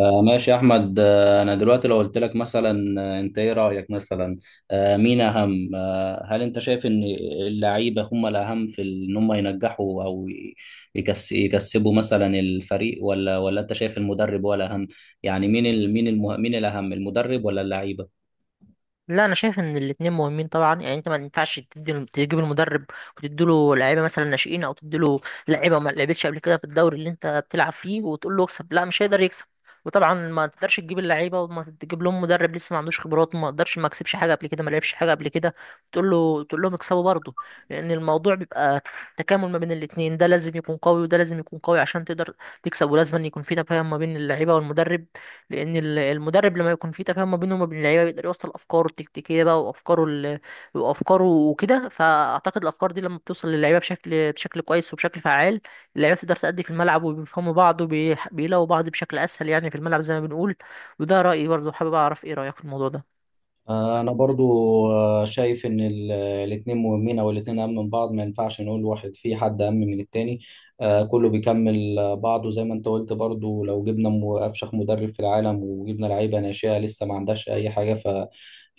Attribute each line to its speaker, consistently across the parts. Speaker 1: ماشي يا احمد، انا دلوقتي لو قلت لك مثلا، انت ايه رايك مثلا؟ مين اهم؟ هل انت شايف ان اللعيبه هم الاهم في ان هم ينجحوا او يكسبوا مثلا الفريق، ولا انت شايف المدرب هو الاهم؟ يعني مين ال مين المه مين الاهم، المدرب ولا اللعيبه؟
Speaker 2: لا، انا شايف ان الاتنين مهمين طبعا. يعني انت ما ينفعش تجيب المدرب وتديله لعيبه مثلا ناشئين، او تديله لعيبه ما لعبتش قبل كده في الدوري اللي انت بتلعب فيه وتقول له اكسب، لا مش هيقدر يكسب. وطبعا ما تقدرش تجيب اللعيبه وما تجيب لهم مدرب لسه ما عندوش خبرات وما قدرش، ما كسبش حاجه قبل كده، ما لعبش حاجه قبل كده، تقول لهم اكسبوا برضه، لان الموضوع بيبقى تكامل ما بين الاتنين، ده لازم يكون قوي وده لازم يكون قوي عشان تقدر تكسب. ولازم أن يكون في تفاهم ما بين اللعيبه والمدرب، لان المدرب لما يكون في تفاهم ما بينه وما بين اللعيبه بيقدر يوصل افكاره التكتيكيه بقى وافكاره وكده. فاعتقد الافكار دي لما بتوصل للعيبه بشكل كويس وبشكل فعال، اللعيبه تقدر تأدي في الملعب وبيفهموا بعض وبيلاقوا بعض بشكل اسهل، يعني في الملعب زي ما بنقول. وده رأيي، برضه حابب اعرف ايه رأيك في الموضوع ده.
Speaker 1: انا برضو، شايف ان الاتنين مهمين، او الاتنين اهم من بعض، ما ينفعش نقول واحد، في حد اهم من التاني. كله بيكمل بعضه زي ما انت قلت برضو، لو جبنا افشخ مدرب في العالم وجبنا لعيبه ناشئه لسه ما عندهاش اي حاجه،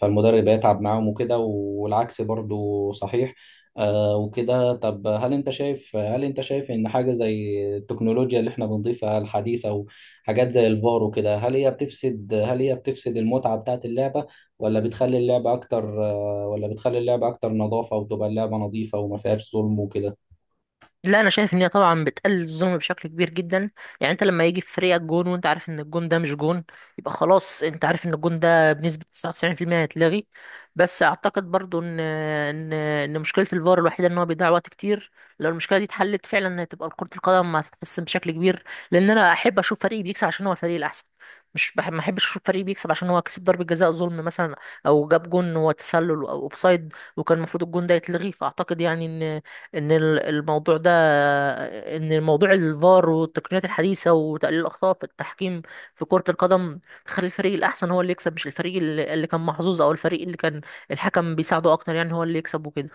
Speaker 1: فالمدرب هيتعب معاهم وكده، والعكس برضو صحيح. وكده. طب هل انت شايف ان حاجه زي التكنولوجيا اللي احنا بنضيفها الحديثه وحاجات زي الفار وكده، هل هي بتفسد المتعه بتاعت اللعبه، ولا بتخلي اللعبة أكتر نظافة، وتبقى اللعبة نظيفة وما فيهاش ظلم وكده؟
Speaker 2: لا، انا شايف ان هي طبعا بتقلل الظلم بشكل كبير جدا. يعني انت لما يجي في فريقك جون وانت عارف ان الجون ده مش جون، يبقى خلاص انت عارف ان الجون ده بنسبة 99% هيتلغي. بس اعتقد برضو ان مشكلة الفار الوحيدة ان هو بيضيع وقت كتير. لو المشكلة دي اتحلت فعلا، هتبقى كرة القدم هتتحسن بشكل كبير، لان انا احب اشوف فريقي بيكسب عشان هو الفريق الاحسن، مش بحب ما احبش اشوف فريقي بيكسب عشان هو كسب ضربة جزاء ظلم مثلا، او جاب جون هو تسلل او اوفسايد وكان المفروض الجون ده يتلغي. فاعتقد يعني ان ال- الموضوع ده ان الموضوع الفار والتقنيات الحديثه وتقليل الاخطاء في التحكيم في كره القدم تخلي الفريق الاحسن هو اللي يكسب، مش الفريق اللي كان محظوظ او الفريق اللي كان الحكم بيساعده اكتر، يعني هو اللي يكسب وكده.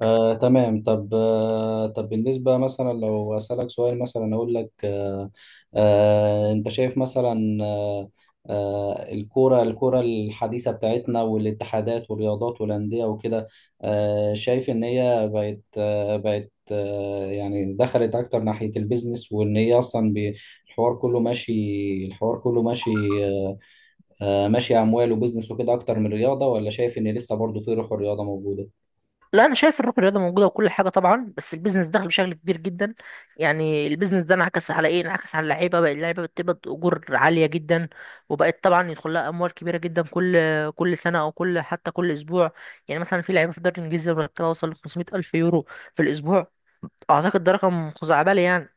Speaker 1: تمام. طب بالنسبة مثلا، لو أسألك سؤال مثلا، أقول لك، أنت شايف مثلا، الكورة الحديثة بتاعتنا والاتحادات والرياضات والأندية وكده، شايف إن هي بقت آه بقت آه يعني دخلت أكتر ناحية البيزنس، وإن هي أصلا الحوار كله ماشي الحوار كله ماشي. آه، ماشي، اموال وبزنس وكده اكتر من رياضه، ولا شايف ان لسه برضه في روح الرياضه موجوده؟
Speaker 2: لا، انا شايف الروح الرياضه موجوده وكل حاجه طبعا، بس البيزنس دخل بشكل كبير جدا. يعني البيزنس ده انعكس على ايه؟ انعكس على اللعيبه بقى، اللعيبه بتقبض اجور عاليه جدا، وبقت طبعا يدخل لها اموال كبيره جدا كل سنه، او كل، حتى كل اسبوع. يعني مثلا في لعيبه في الدوري الانجليزي مرتبها وصل ل 500 الف يورو في الاسبوع، اعتقد ده رقم خزعبلي يعني.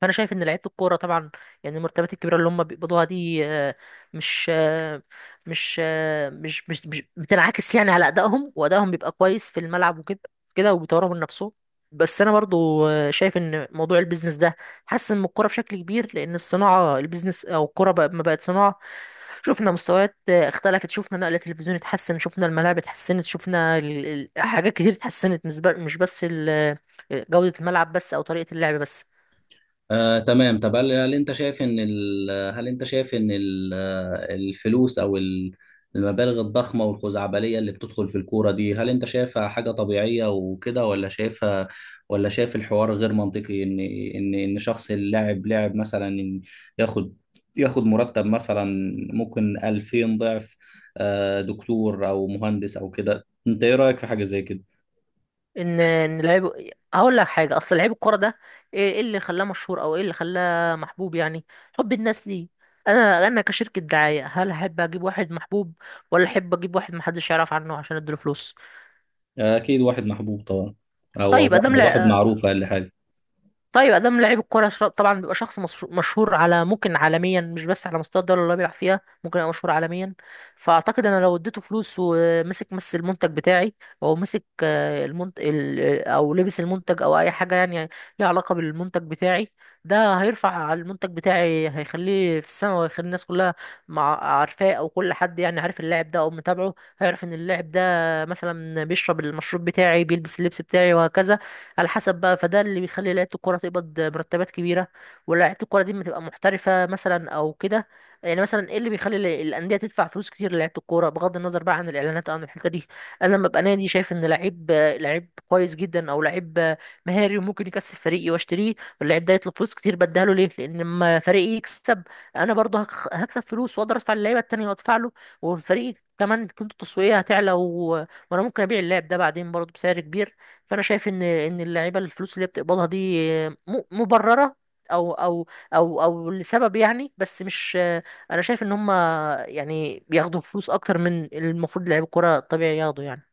Speaker 2: فانا شايف ان لعيبه الكوره طبعا، يعني المرتبات الكبيره اللي هم بيقبضوها دي مش آه، مش بتنعكس يعني على ادائهم، وادائهم بيبقى كويس في الملعب وكده كده، وبيطوروا من نفسهم. بس انا برضو شايف ان موضوع البيزنس ده حسن من الكوره بشكل كبير، لان الصناعه، البيزنس او الكوره بقى ما بقت صناعه، شفنا مستويات اختلفت، شفنا نقل التلفزيون اتحسن، شفنا الملاعب اتحسنت، شفنا حاجات كتير اتحسنت، مش بس جودة الملعب بس او طريقة اللعب بس.
Speaker 1: تمام. طب هل انت شايف ان ال... هل انت شايف ان ال... آه، الفلوس او المبالغ الضخمه والخزعبليه اللي بتدخل في الكوره دي، هل انت شايفها حاجه طبيعيه وكده، ولا شايف الحوار غير منطقي، ان شخص، لاعب مثلا، إن ياخد ياخد مرتب مثلا ممكن 2000 ضعف دكتور او مهندس او كده؟ انت ايه رايك في حاجه زي كده؟
Speaker 2: ان ان لعيب هقول لك حاجه، اصل لعيب الكوره ده إيه اللي خلاه مشهور او ايه اللي خلاه محبوب؟ يعني حب الناس ليه؟ انا كشركه دعايه هل احب اجيب واحد محبوب، ولا احب اجيب واحد محدش يعرف عنه عشان اديله فلوس؟
Speaker 1: اكيد واحد محبوب طبعا، او أو
Speaker 2: طيب
Speaker 1: واحد
Speaker 2: ادام
Speaker 1: أو واحد معروف، اقل حاجه.
Speaker 2: طيب ادام لعيب الكوره، طبعا بيبقى شخص مشهور على، ممكن عالميا، مش بس على مستوى الدوله اللي هو بيلعب فيها، ممكن يبقى مشهور عالميا. فاعتقد انا لو اديته فلوس ومسك المنتج بتاعي، او مسك او لبس المنتج او اي حاجه يعني ليها علاقه بالمنتج بتاعي، ده هيرفع على المنتج بتاعي، هيخليه في السماء، وهيخلي الناس كلها، مع عارفاه او كل حد يعني عارف اللاعب ده او متابعه، هيعرف ان اللاعب ده مثلا بيشرب المشروب بتاعي، بيلبس اللبس بتاعي، وهكذا على حسب بقى. فده اللي بيخلي لعيبه الكوره تقبض مرتبات كبيره، ولاعيبه الكوره دي ما تبقى محترفه مثلا او كده. يعني مثلا ايه اللي بيخلي الانديه تدفع فلوس كتير للعيبه الكوره؟ بغض النظر بقى عن الاعلانات او عن الحته دي، انا لما ابقى نادي شايف ان لعيب كويس جدا، او لعيب مهاري وممكن يكسب فريقي، واشتريه واللعيب ده يطلب فلوس كتير، بديها له ليه؟ لان لما فريقي يكسب انا برضه هكسب فلوس، واقدر ادفع للعيبه التانيه وادفع له، والفريق كمان قيمته التسويقيه هتعلى وانا ممكن ابيع اللاعب ده بعدين برضه بسعر كبير. فانا شايف ان اللعيبه الفلوس اللي هي بتقبضها دي م- مبرره او او او لسبب يعني، بس مش، انا شايف ان هم يعني بياخدوا فلوس اكتر من المفروض لعيب الكوره الطبيعي ياخدوا يعني.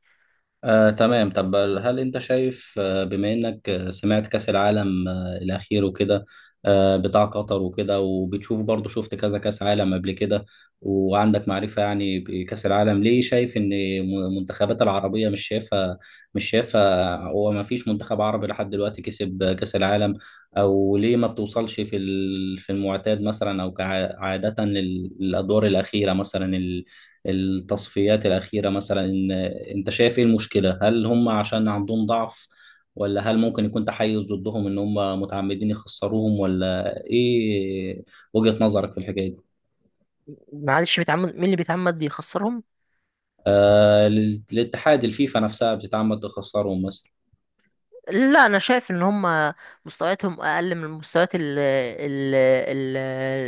Speaker 1: تمام. طب هل انت شايف، بما انك سمعت كأس العالم الاخير وكده، بتاع قطر وكده، وبتشوف برضه، شفت كذا كأس عالم قبل كده، وعندك معرفة يعني بكأس العالم. ليه شايف ان المنتخبات العربية مش شايفة، هو ما فيش منتخب عربي لحد دلوقتي كسب كأس العالم؟ او ليه ما بتوصلش في المعتاد مثلا، او كعادة للادوار الأخيرة مثلا، التصفيات الأخيرة مثلا، إن أنت شايف إيه المشكلة؟ هل هم عشان عندهم ضعف، ولا هل ممكن يكون تحيز ضدهم إن هم متعمدين يخسروهم ولا إيه وجهة نظرك في الحكاية دي؟
Speaker 2: معلش، بيتعمد؟ مين اللي بيتعمد يخسرهم؟
Speaker 1: للاتحاد، الفيفا نفسها بتتعمد تخسرهم مثلا؟
Speaker 2: لا، انا شايف ان هم مستوياتهم اقل من مستويات ال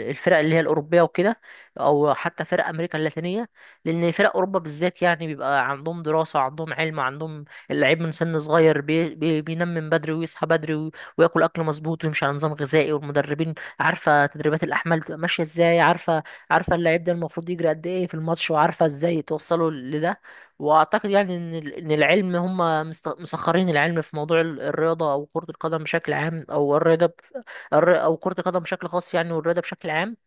Speaker 2: الفرق اللي هي الاوروبيه وكده، او حتى فرق امريكا اللاتينيه، لان فرق اوروبا بالذات يعني بيبقى عندهم دراسه، عندهم علم، عندهم اللعيب من سن صغير، بي بي بينام من بدري ويصحى بدري، وياكل اكل مظبوط، ويمشي على نظام غذائي، والمدربين عارفه تدريبات الاحمال بتبقى ماشيه ازاي، عارفه اللعيب ده المفروض يجري قد ايه في الماتش، وعارفه ازاي توصله لده. واعتقد يعني ان ان العلم، هم مسخرين العلم في موضوع الرياضه، او كره القدم بشكل عام، او الرياضه او كره القدم بشكل خاص يعني، والرياضه بشكل عام،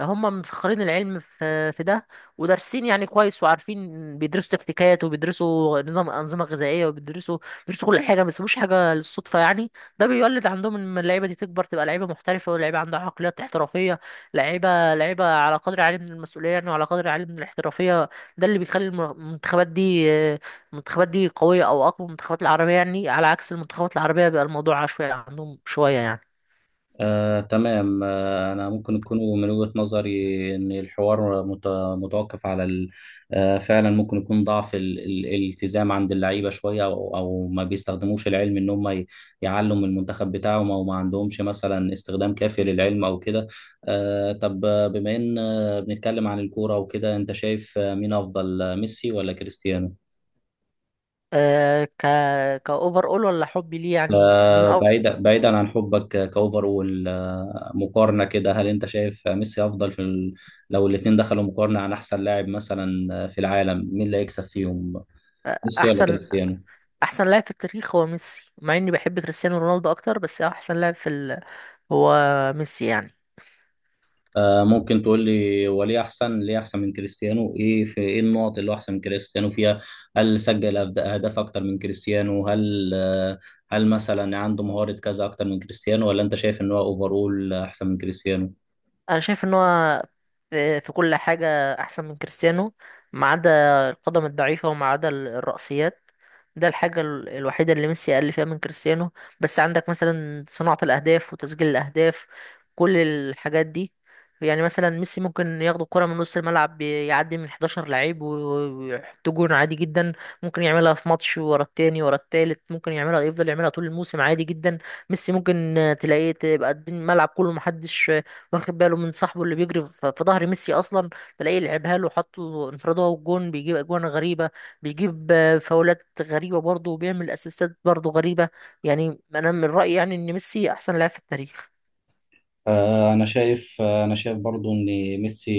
Speaker 2: هم مسخرين العلم في ده. ودارسين يعني كويس، وعارفين، بيدرسوا تكتيكات، وبيدرسوا انظمه غذائيه، بيدرسوا كل حاجه، ما بيسيبوش حاجه للصدفه يعني. ده بيولد عندهم ان اللعيبه دي تكبر، تبقى لعيبه محترفه، ولعيبه عندها عقليات احترافيه، لعيبه على قدر عالي من المسؤوليه يعني، وعلى قدر عالي من الاحترافيه. ده اللي بيخلي المنتخبات دي قوية، أو أقوى من المنتخبات العربية يعني، على عكس المنتخبات العربية بيبقى الموضوع عشوائي عندهم شوية يعني.
Speaker 1: تمام. أنا ممكن يكون من وجهة نظري إن الحوار متوقف على فعلا ممكن يكون ضعف الالتزام عند اللعيبة شوية، أو ما بيستخدموش العلم، إن هم يعلوا من المنتخب بتاعهم، أو ما عندهمش مثلا استخدام كافي للعلم أو كده. طب بما إن بنتكلم عن الكورة وكده، أنت شايف مين أفضل، ميسي ولا كريستيانو؟
Speaker 2: أه ك كأوفر أول، ولا حبي ليه يعني؟ مين أو،
Speaker 1: بعيدا عن حبك، كاوفرول، مقارنه كده، هل انت شايف ميسي افضل في ال... لو الاثنين دخلوا مقارنه عن احسن لاعب مثلا، في العالم، مين اللي هيكسب فيهم؟ ميسي ولا
Speaker 2: أحسن؟
Speaker 1: كريستيانو؟
Speaker 2: أحسن لاعب في التاريخ هو ميسي، مع إني بحب كريستيانو رونالدو أكتر، بس أحسن لاعب في هو ميسي يعني.
Speaker 1: ممكن تقول لي هو ليه احسن من كريستيانو؟ ايه النقط اللي هو احسن من كريستيانو فيها؟ هل سجل اهداف اكتر من كريستيانو؟ هل مثلا عنده مهارة كذا اكتر من كريستيانو، ولا انت شايف ان هو اوفرول احسن من كريستيانو؟
Speaker 2: انا شايف ان هو في كل حاجه احسن من كريستيانو، ما عدا القدم الضعيفه، وما عدا الرأسيات، ده الحاجه الوحيده اللي ميسي اقل فيها من كريستيانو، بس عندك مثلا صناعه الاهداف وتسجيل الاهداف، كل الحاجات دي. يعني مثلا ميسي ممكن ياخد الكرة من نص الملعب، يعدي من 11 لعيب ويحط جون عادي جدا، ممكن يعملها في ماتش ورا التاني ورا التالت، ممكن يعملها، يفضل يعملها طول الموسم عادي جدا. ميسي ممكن تلاقيه تبقى الملعب كله محدش واخد باله من صاحبه اللي بيجري في في ظهر ميسي اصلا، تلاقيه لعبها له، حط له انفراد، هو الجون، بيجيب اجوان غريبه، بيجيب فاولات غريبه برضه، وبيعمل اسيستات برضه غريبه. يعني انا من رايي يعني ان ميسي احسن لاعب في التاريخ.
Speaker 1: انا شايف برضو ان ميسي،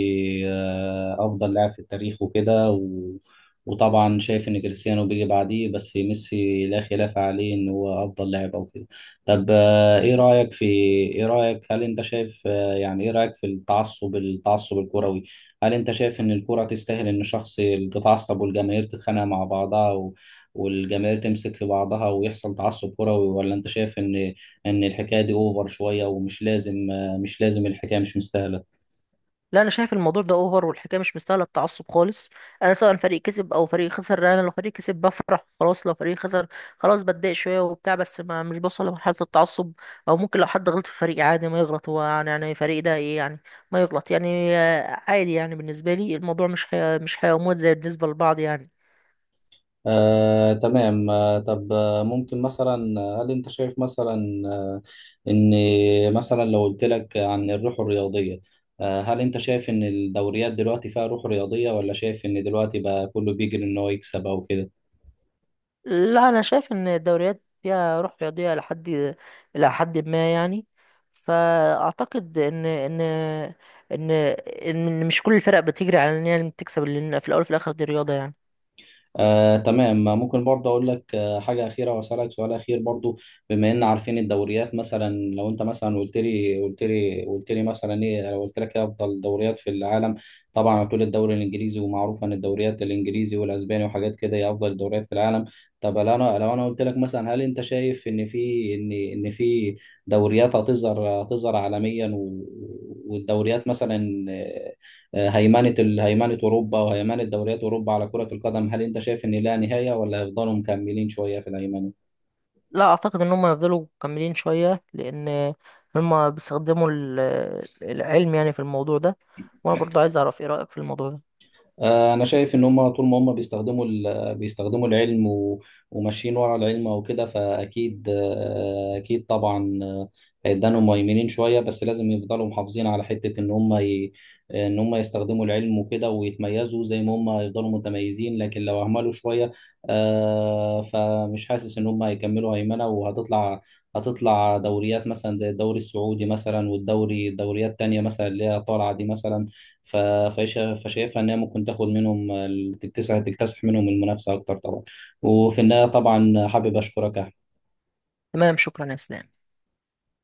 Speaker 1: افضل لاعب في التاريخ وكده و... وطبعا شايف ان كريستيانو بيجي بعديه، بس ميسي لا خلاف عليه ان هو افضل لاعب او كده. طب ايه رايك في ايه رايك هل انت شايف آه، يعني ايه رايك في التعصب الكروي؟ هل انت شايف ان الكرة تستاهل ان شخص تتعصب، والجماهير تتخانق مع بعضها و... والجماهير تمسك في بعضها ويحصل تعصب كروي، ولا انت شايف ان الحكايه دي اوفر شويه ومش لازم، مش لازم الحكاية مش مستاهلة.
Speaker 2: لا، انا شايف الموضوع ده اوفر، والحكايه مش مستاهله التعصب خالص. انا سواء فريق كسب او فريق خسر، انا لو فريق كسب بفرح خلاص، لو فريق خسر خلاص بتضايق شويه وبتاع، بس ما مش بوصل لمرحله التعصب، او ممكن لو حد غلط في فريقي عادي ما يغلط هو يعني، يعني فريق ده ايه يعني، ما يغلط يعني عادي يعني. بالنسبه لي الموضوع مش حياه، مش حياه وموت زي بالنسبه لبعض يعني.
Speaker 1: تمام. طب ممكن مثلا، هل انت شايف مثلا ان مثلا، لو قلت لك عن الروح الرياضية، هل انت شايف ان الدوريات دلوقتي فيها روح رياضية، ولا شايف ان دلوقتي بقى كله بيجري ان هو يكسب او كده؟
Speaker 2: لا، انا شايف ان الدوريات فيها روح رياضيه لحد، الى حد ما يعني. فاعتقد ان ان مش كل الفرق بتجري على ان هي تكسب، لان في الاول وفي الاخر دي رياضه يعني.
Speaker 1: تمام. ممكن برضه اقول لك، حاجه اخيره، واسالك سؤال اخير برضه. بما ان عارفين الدوريات مثلا، لو انت مثلا قلت لي مثلا ايه، لو قلت لك ايه افضل دوريات في العالم؟ طبعا هتقول الدوري الانجليزي. ومعروف ان الدوريات الانجليزي والاسباني وحاجات كده هي افضل الدوريات في العالم. طب لو انا قلت لك مثلا، هل انت شايف ان في، ان في دوريات هتظهر عالميا و- والدوريات مثلا، هيمنة أوروبا وهيمنة دوريات أوروبا على كرة القدم، هل أنت شايف إن لها نهاية، ولا هيفضلوا مكملين شوية في الهيمنة؟
Speaker 2: لا، اعتقد ان هم يفضلوا مكملين شويه، لان هم بيستخدموا العلم يعني في الموضوع ده، وانا برضو عايز اعرف ايه رايك في الموضوع ده.
Speaker 1: انا شايف ان هم طول ما هم بيستخدموا العلم و- وماشيين ورا العلم او كده، فاكيد، آه، اكيد طبعا، هيدانهم مهيمنين شويه، بس لازم يفضلوا محافظين على حته ان هم ي... ان هم يستخدموا العلم وكده، ويتميزوا زي ما هم هيفضلوا متميزين، لكن لو اهملوا شويه، فمش حاسس ان هم هيكملوا هيمنه، وهتطلع دوريات مثلا زي الدوري السعودي مثلا، دوريات تانية مثلا اللي هي طالعه دي مثلا. ف- فشايفها انها ممكن تاخد منهم تكتسح منهم المنافسه اكتر طبعا. وفي النهايه طبعا حابب اشكرك يا
Speaker 2: تمام، شكرا يا اسلام.